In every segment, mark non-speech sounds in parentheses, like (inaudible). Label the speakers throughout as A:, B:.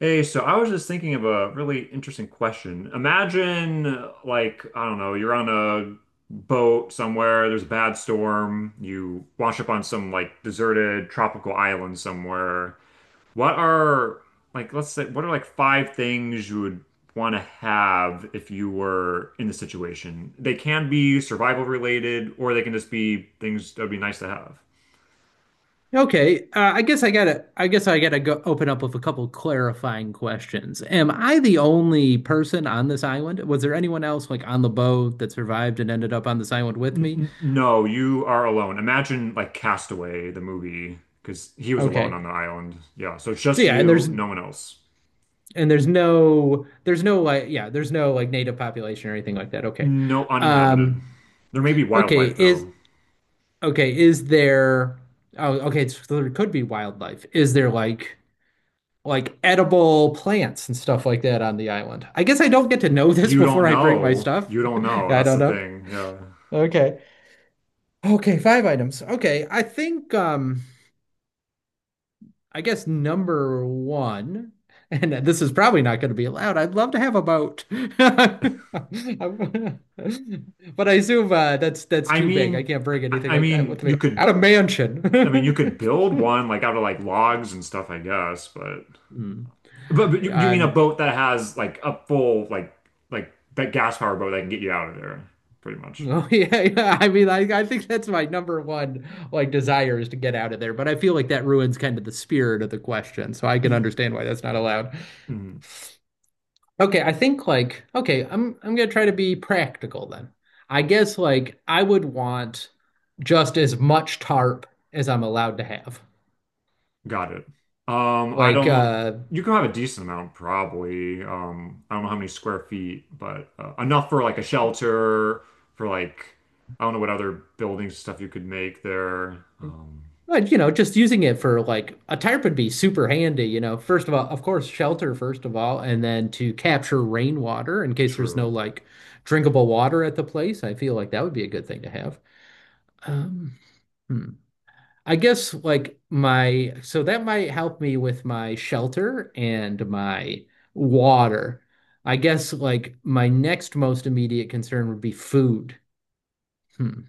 A: Hey, so I was just thinking of a really interesting question. Imagine, like, I don't know, you're on a boat somewhere, there's a bad storm, you wash up on some like deserted tropical island somewhere. What are, like, let's say, what are like five things you would want to have if you were in the situation? They can be survival related, or they can just be things that would be nice to have.
B: Okay, I guess I gotta. I guess I gotta go open up with a couple clarifying questions. Am I the only person on this island? Was there anyone else like on the boat that survived and ended up on this island with me?
A: N- no, you are alone. Imagine like Castaway, the movie, because he was alone
B: Okay,
A: on the island. Yeah, so it's
B: so
A: just
B: yeah, and
A: you,
B: there's
A: no one else.
B: and there's no like yeah there's no like native population or anything like that. Okay,
A: No,
B: um,
A: uninhabited. There may be
B: okay
A: wildlife
B: is
A: though.
B: okay is there? Oh, okay, so there could be wildlife. Is there like? Like edible plants and stuff like that on the island. I guess I don't get to know (laughs) this
A: You don't
B: before I bring my
A: know.
B: stuff.
A: You don't
B: (laughs)
A: know.
B: I
A: That's
B: don't
A: the
B: know.
A: thing. Yeah.
B: Okay. Okay, five items. Okay. I guess number one, (laughs) and this is probably not going to be allowed. I'd love to have a boat. (laughs) But I assume that's
A: I
B: too big. I
A: mean,
B: can't bring anything
A: I
B: like that
A: mean,
B: with me.
A: you could.
B: At a
A: I mean, you
B: mansion.
A: could build
B: (laughs)
A: one like out of like logs and stuff, I guess. But
B: Hmm.
A: but, but you
B: Uh,
A: mean a boat that has like a full like that gas power boat that can get you out of there, pretty much.
B: Oh (laughs) yeah, yeah. I mean, I think that's my number one like desire is to get out of there, but I feel like that ruins kind of the spirit of the question, so I can
A: Y-
B: understand why that's not allowed.
A: Mhm.
B: Okay, I think like okay, I'm gonna try to be practical then. I guess like I would want just as much tarp as I'm allowed to have.
A: Got it. I
B: Like
A: don't. You can have a decent amount, probably. I don't know how many square feet, but enough for like a shelter, for like I don't know what other buildings and stuff you could make there.
B: but you know, just using it for like a tarp would be super handy, First of all, of course, shelter first of all, and then to capture rainwater in case there's no
A: True.
B: like drinkable water at the place. I feel like that would be a good thing to have. Um, hmm. I guess like my so that might help me with my shelter and my water. I guess like my next most immediate concern would be food. Hmm.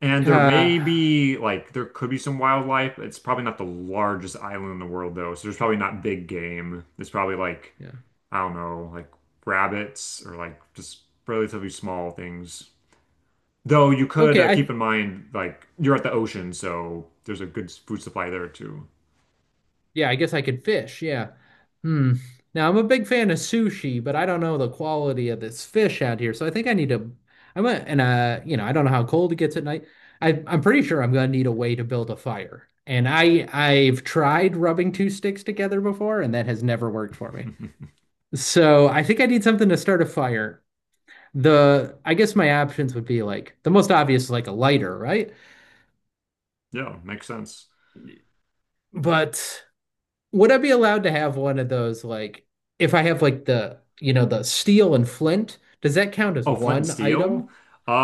A: And there
B: Uh,
A: may be like there could be some wildlife. It's probably not the largest island in the world though, so there's probably not big game. It's probably like
B: yeah.
A: I don't know, like rabbits or like just relatively small things. Though you could
B: Okay, I
A: keep in mind, like, you're at the ocean, so there's a good food supply there too. (laughs)
B: yeah, I guess I could fish. Yeah. Hmm. Now I'm a big fan of sushi, but I don't know the quality of this fish out here. So I think I need to. I'm a, and you know, I don't know how cold it gets at night. I'm pretty sure I'm gonna need a way to build a fire. And I've tried rubbing two sticks together before, and that has never worked for me. So I think I need something to start a fire. The I guess my options would be like the most obvious is like a lighter, right?
A: Yeah, makes sense.
B: But would I be allowed to have one of those like if I have like the, you know, the steel and flint, does that count as
A: Oh, flint and
B: one
A: steel?
B: item?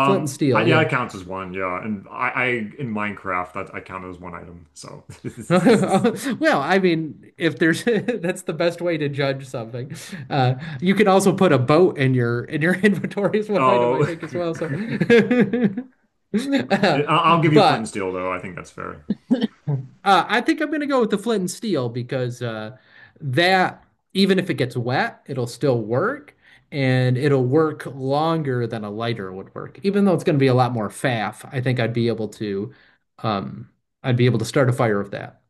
B: Flint and steel,
A: Yeah, it
B: yeah.
A: counts as one. Yeah, and I in Minecraft that I count it as one item. So, (laughs)
B: (laughs) Well, I mean, if there's (laughs) that's the best way to judge something. Uh, you can also put a boat in your (laughs) inventory is one item I
A: oh,
B: think as well. So,
A: (laughs)
B: (laughs)
A: I-
B: Uh,
A: I'll give you flint and
B: but
A: steel though. I think that's fair.
B: I think I'm going to go with the flint and steel because that, even if it gets wet, it'll still work and it'll work longer than a lighter would work. Even though it's going to be a lot more faff, I think I'd be able to, um, I'd be able to start a fire with that.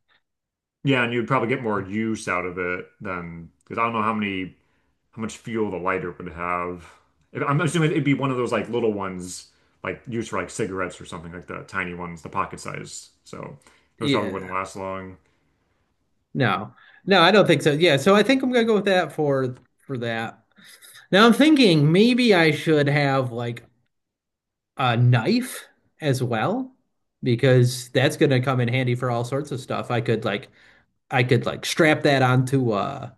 A: Yeah, and you'd probably get more use out of it than because I don't know how much fuel the lighter would have. I'm assuming it'd be one of those like little ones, like used for like cigarettes or something like the tiny ones, the pocket size. So those probably wouldn't
B: Yeah.
A: last long.
B: No. No, I don't think so. Yeah, so I think I'm gonna go with that for that. Now I'm thinking maybe I should have like a knife as well because that's going to come in handy for all sorts of stuff. I could like strap that onto uh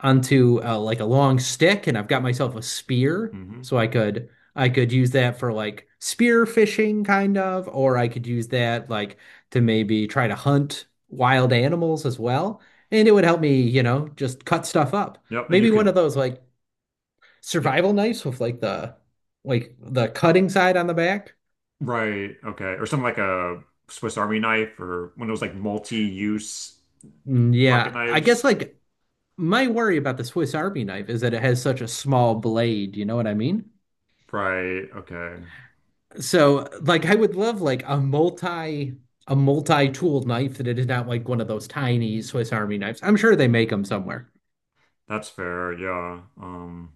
B: onto uh, like a long stick and I've got myself a spear
A: Hmm.
B: so I could use that for like spear fishing kind of or I could use that like to maybe try to hunt wild animals as well and it would help me, you know, just cut stuff up.
A: Yep, and
B: Maybe one of those like
A: yep,
B: survival knives with like the cutting side on the back.
A: right, okay, or something like a Swiss Army knife or one of those like multi-use pocket
B: Yeah, I guess
A: knives.
B: like my worry about the Swiss Army knife is that it has such a small blade, you know what I mean?
A: Right, okay,
B: So like I would love like a multi-tool knife that it is not like one of those tiny Swiss Army knives. I'm sure they make them somewhere.
A: that's fair. Yeah.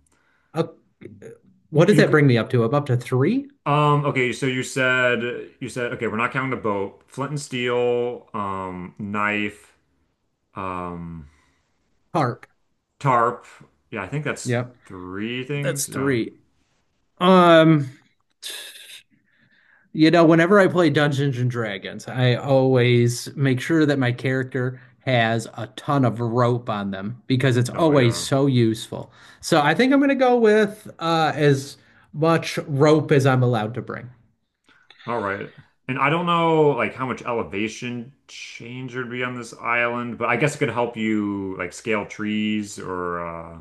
B: Up,
A: You
B: what does
A: you
B: that
A: could.
B: bring me up to? I'm up to three?
A: Okay, so you said okay, we're not counting the boat, flint and steel, knife. Um,
B: Harp.
A: tarp. Yeah, I think that's
B: Yep.
A: three
B: That's
A: things. Yeah.
B: three. Um You know, whenever I play Dungeons and Dragons, I always make sure that my character has a ton of rope on them because it's
A: Oh
B: always
A: yeah.
B: so useful. So I think I'm going to go with as much rope as I'm allowed to bring.
A: All right. And I don't know like how much elevation change there'd be on this island, but I guess it could help you like scale trees or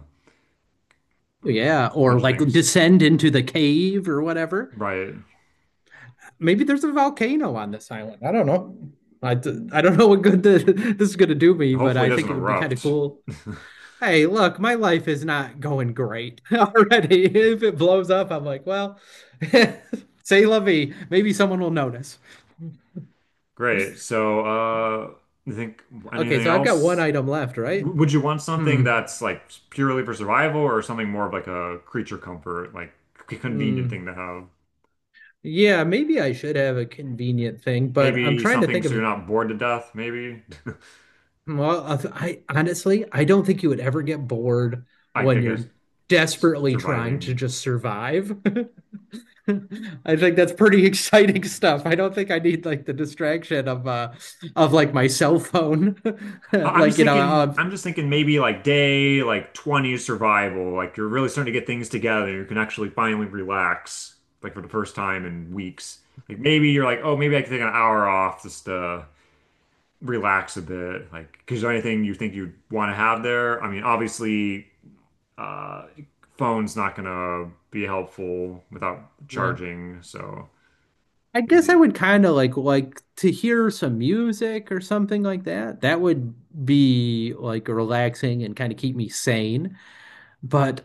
A: like
B: Yeah,
A: a
B: or
A: bunch of
B: like
A: things.
B: descend into the cave or whatever.
A: Right.
B: Maybe there's a volcano on this island. I don't know. I don't know what good (laughs) this is going to do me, but
A: Hopefully it
B: I
A: doesn't
B: think it would be kind of
A: erupt.
B: cool. Hey, look, my life is not going great (laughs) already. If it blows up, I'm like, well, (laughs) say la vie. Maybe someone will notice.
A: (laughs) Great. So, you think
B: Okay,
A: anything
B: so I've got one
A: else?
B: item left, right?
A: Would you want something
B: Hmm.
A: that's like purely for survival or something more of like a creature comfort, like convenient
B: Hmm.
A: thing to have?
B: Yeah, maybe I should have a convenient thing, but I'm
A: Maybe
B: trying to
A: something
B: think
A: so you're
B: of.
A: not bored to death, maybe.
B: Well, I honestly, I don't think you would ever get bored
A: (laughs) I
B: when
A: guess
B: you're desperately trying to
A: surviving.
B: just survive. (laughs) (laughs) I think that's pretty (laughs) exciting stuff. I don't think I need like the distraction of like my cell phone. (laughs)
A: I'm
B: Like,
A: just thinking, I'm just thinking maybe like day like 20 is survival. Like you're really starting to get things together. You can actually finally relax, like for the first time in weeks. Like maybe you're like, oh, maybe I can take an hour off just to relax a bit. Like, is there anything you think you'd want to have there? I mean, obviously, uh, phone's not gonna be helpful without
B: yeah.
A: charging, so
B: I guess I
A: maybe.
B: would kind of like to hear some music or something like that. That would be like relaxing and kind of keep me sane. But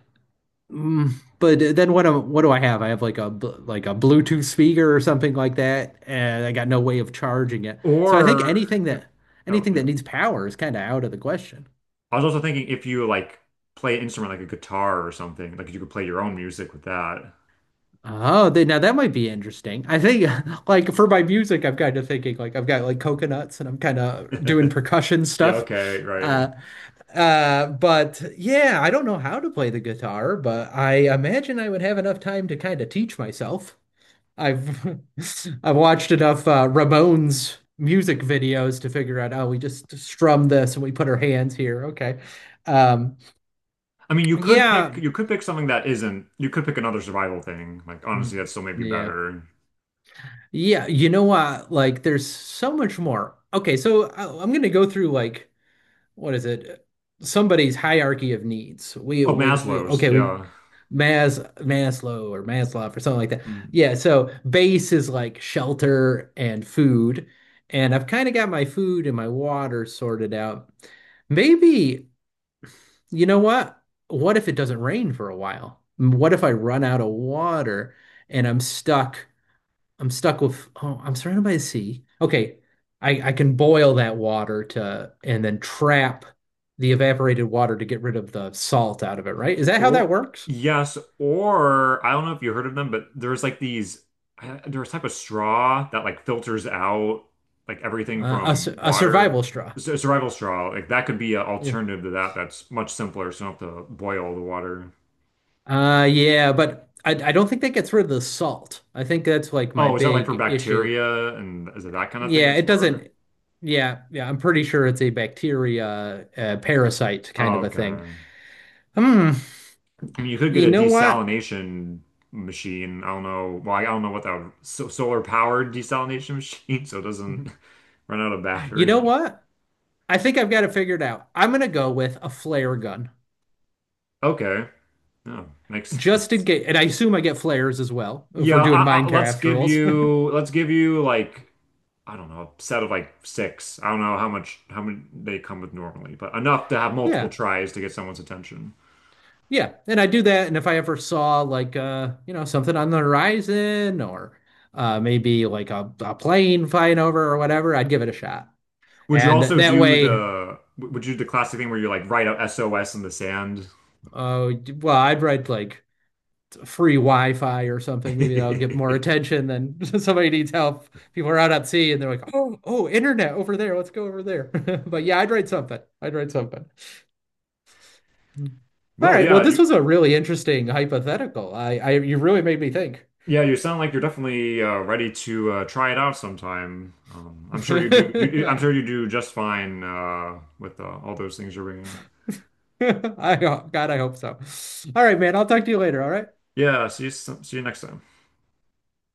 B: mm, but then what am what do I have? I have like like a Bluetooth speaker or something like that, and I got no way of charging it. So I think
A: Or if, oh
B: anything
A: yeah.
B: that needs power is kind of out of the question.
A: I was also thinking if you like play an instrument like a guitar or something, like you could play your own music with that.
B: Oh, they, now that might be interesting. I think, (laughs) like, for my music, I'm kind of thinking, like, I've got like coconuts and I'm kind of doing
A: (laughs)
B: percussion
A: Yeah,
B: stuff.
A: okay, right.
B: Uh, but yeah, I don't know how to play the guitar, but I imagine I would have enough time to kind of teach myself. I've (laughs) I've watched enough Ramones music videos to figure out, oh, we just strum this and we put our hands here. Okay. Um,
A: I mean,
B: yeah.
A: you could pick something that isn't. You could pick another survival thing. Like
B: Hmm.
A: honestly, that still may be
B: Yeah.
A: better.
B: Yeah, you know what? Like, there's so much more. Okay, so I'm gonna go through like what is it? Somebody's hierarchy of needs.
A: Oh,
B: We
A: Maslow's,
B: okay we
A: yeah.
B: Mas Maslow or Maslow or something like that.
A: Hmm.
B: Yeah, so base is like shelter and food, and I've kind of got my food and my water sorted out. Maybe you know what? What if it doesn't rain for a while? What if I run out of water and I'm stuck? I'm stuck with oh, I'm surrounded by the sea. Okay, I can boil that water to and then trap the evaporated water to get rid of the salt out of it, right? Is that how
A: Or
B: that works?
A: yes, or I don't know if you heard of them, but there's like these there's a type of straw that like filters out like everything from
B: A
A: water.
B: survival straw.
A: Survival straw, like that could be an
B: Yeah.
A: alternative to that that's much simpler, so you don't have to boil the water.
B: Yeah, but I don't think that gets rid of the salt. I think that's like my
A: Oh, is that like for
B: big issue.
A: bacteria and is it that kind of thing
B: Yeah,
A: it's
B: it
A: for?
B: doesn't. Yeah, yeah, I'm pretty sure it's a bacteria, parasite kind
A: Oh,
B: of a thing.
A: okay.
B: Hmm.
A: I mean, you could get
B: You
A: a
B: know what?
A: desalination machine. I don't know. Well, I don't know what that so solar powered desalination (laughs) machine, so it doesn't (laughs) run out of
B: You know
A: battery.
B: what? I think I've got it figured out. I'm gonna go with a flare gun,
A: Okay. No, makes
B: just in
A: sense.
B: case, and I assume I get flares as well if we're
A: Yeah,
B: doing
A: let's
B: Minecraft
A: give
B: rules. (laughs)
A: you let's give you like I don't know, a set of like six. I don't know how many they come with normally, but enough to have multiple
B: Yeah,
A: tries to get someone's attention.
B: yeah, and I do that. And if I ever saw like you know, something on the horizon or maybe like a plane flying over or whatever, I'd give it a shot.
A: Would you
B: And
A: also
B: that
A: do
B: way,
A: the would you do the classic thing where you like write out SOS in the sand?
B: uh, well, I'd write like free Wi-Fi or something. Maybe that'll get more
A: (laughs)
B: attention than (laughs) somebody needs help. People are out at sea and they're like, oh, oh, internet over there. Let's go over there. (laughs) But yeah, I'd write something. I'd write something. All
A: Well,
B: right. Well, this was a really interesting hypothetical. You really made me think.
A: yeah, you sound like you're definitely ready to try it out sometime. I'm sure you do. I'm sure
B: (laughs)
A: you do just fine with all those things you're bringing.
B: I, God, I hope so. All right, man. I'll talk to you later. All right.
A: Yeah, see you, see you next time.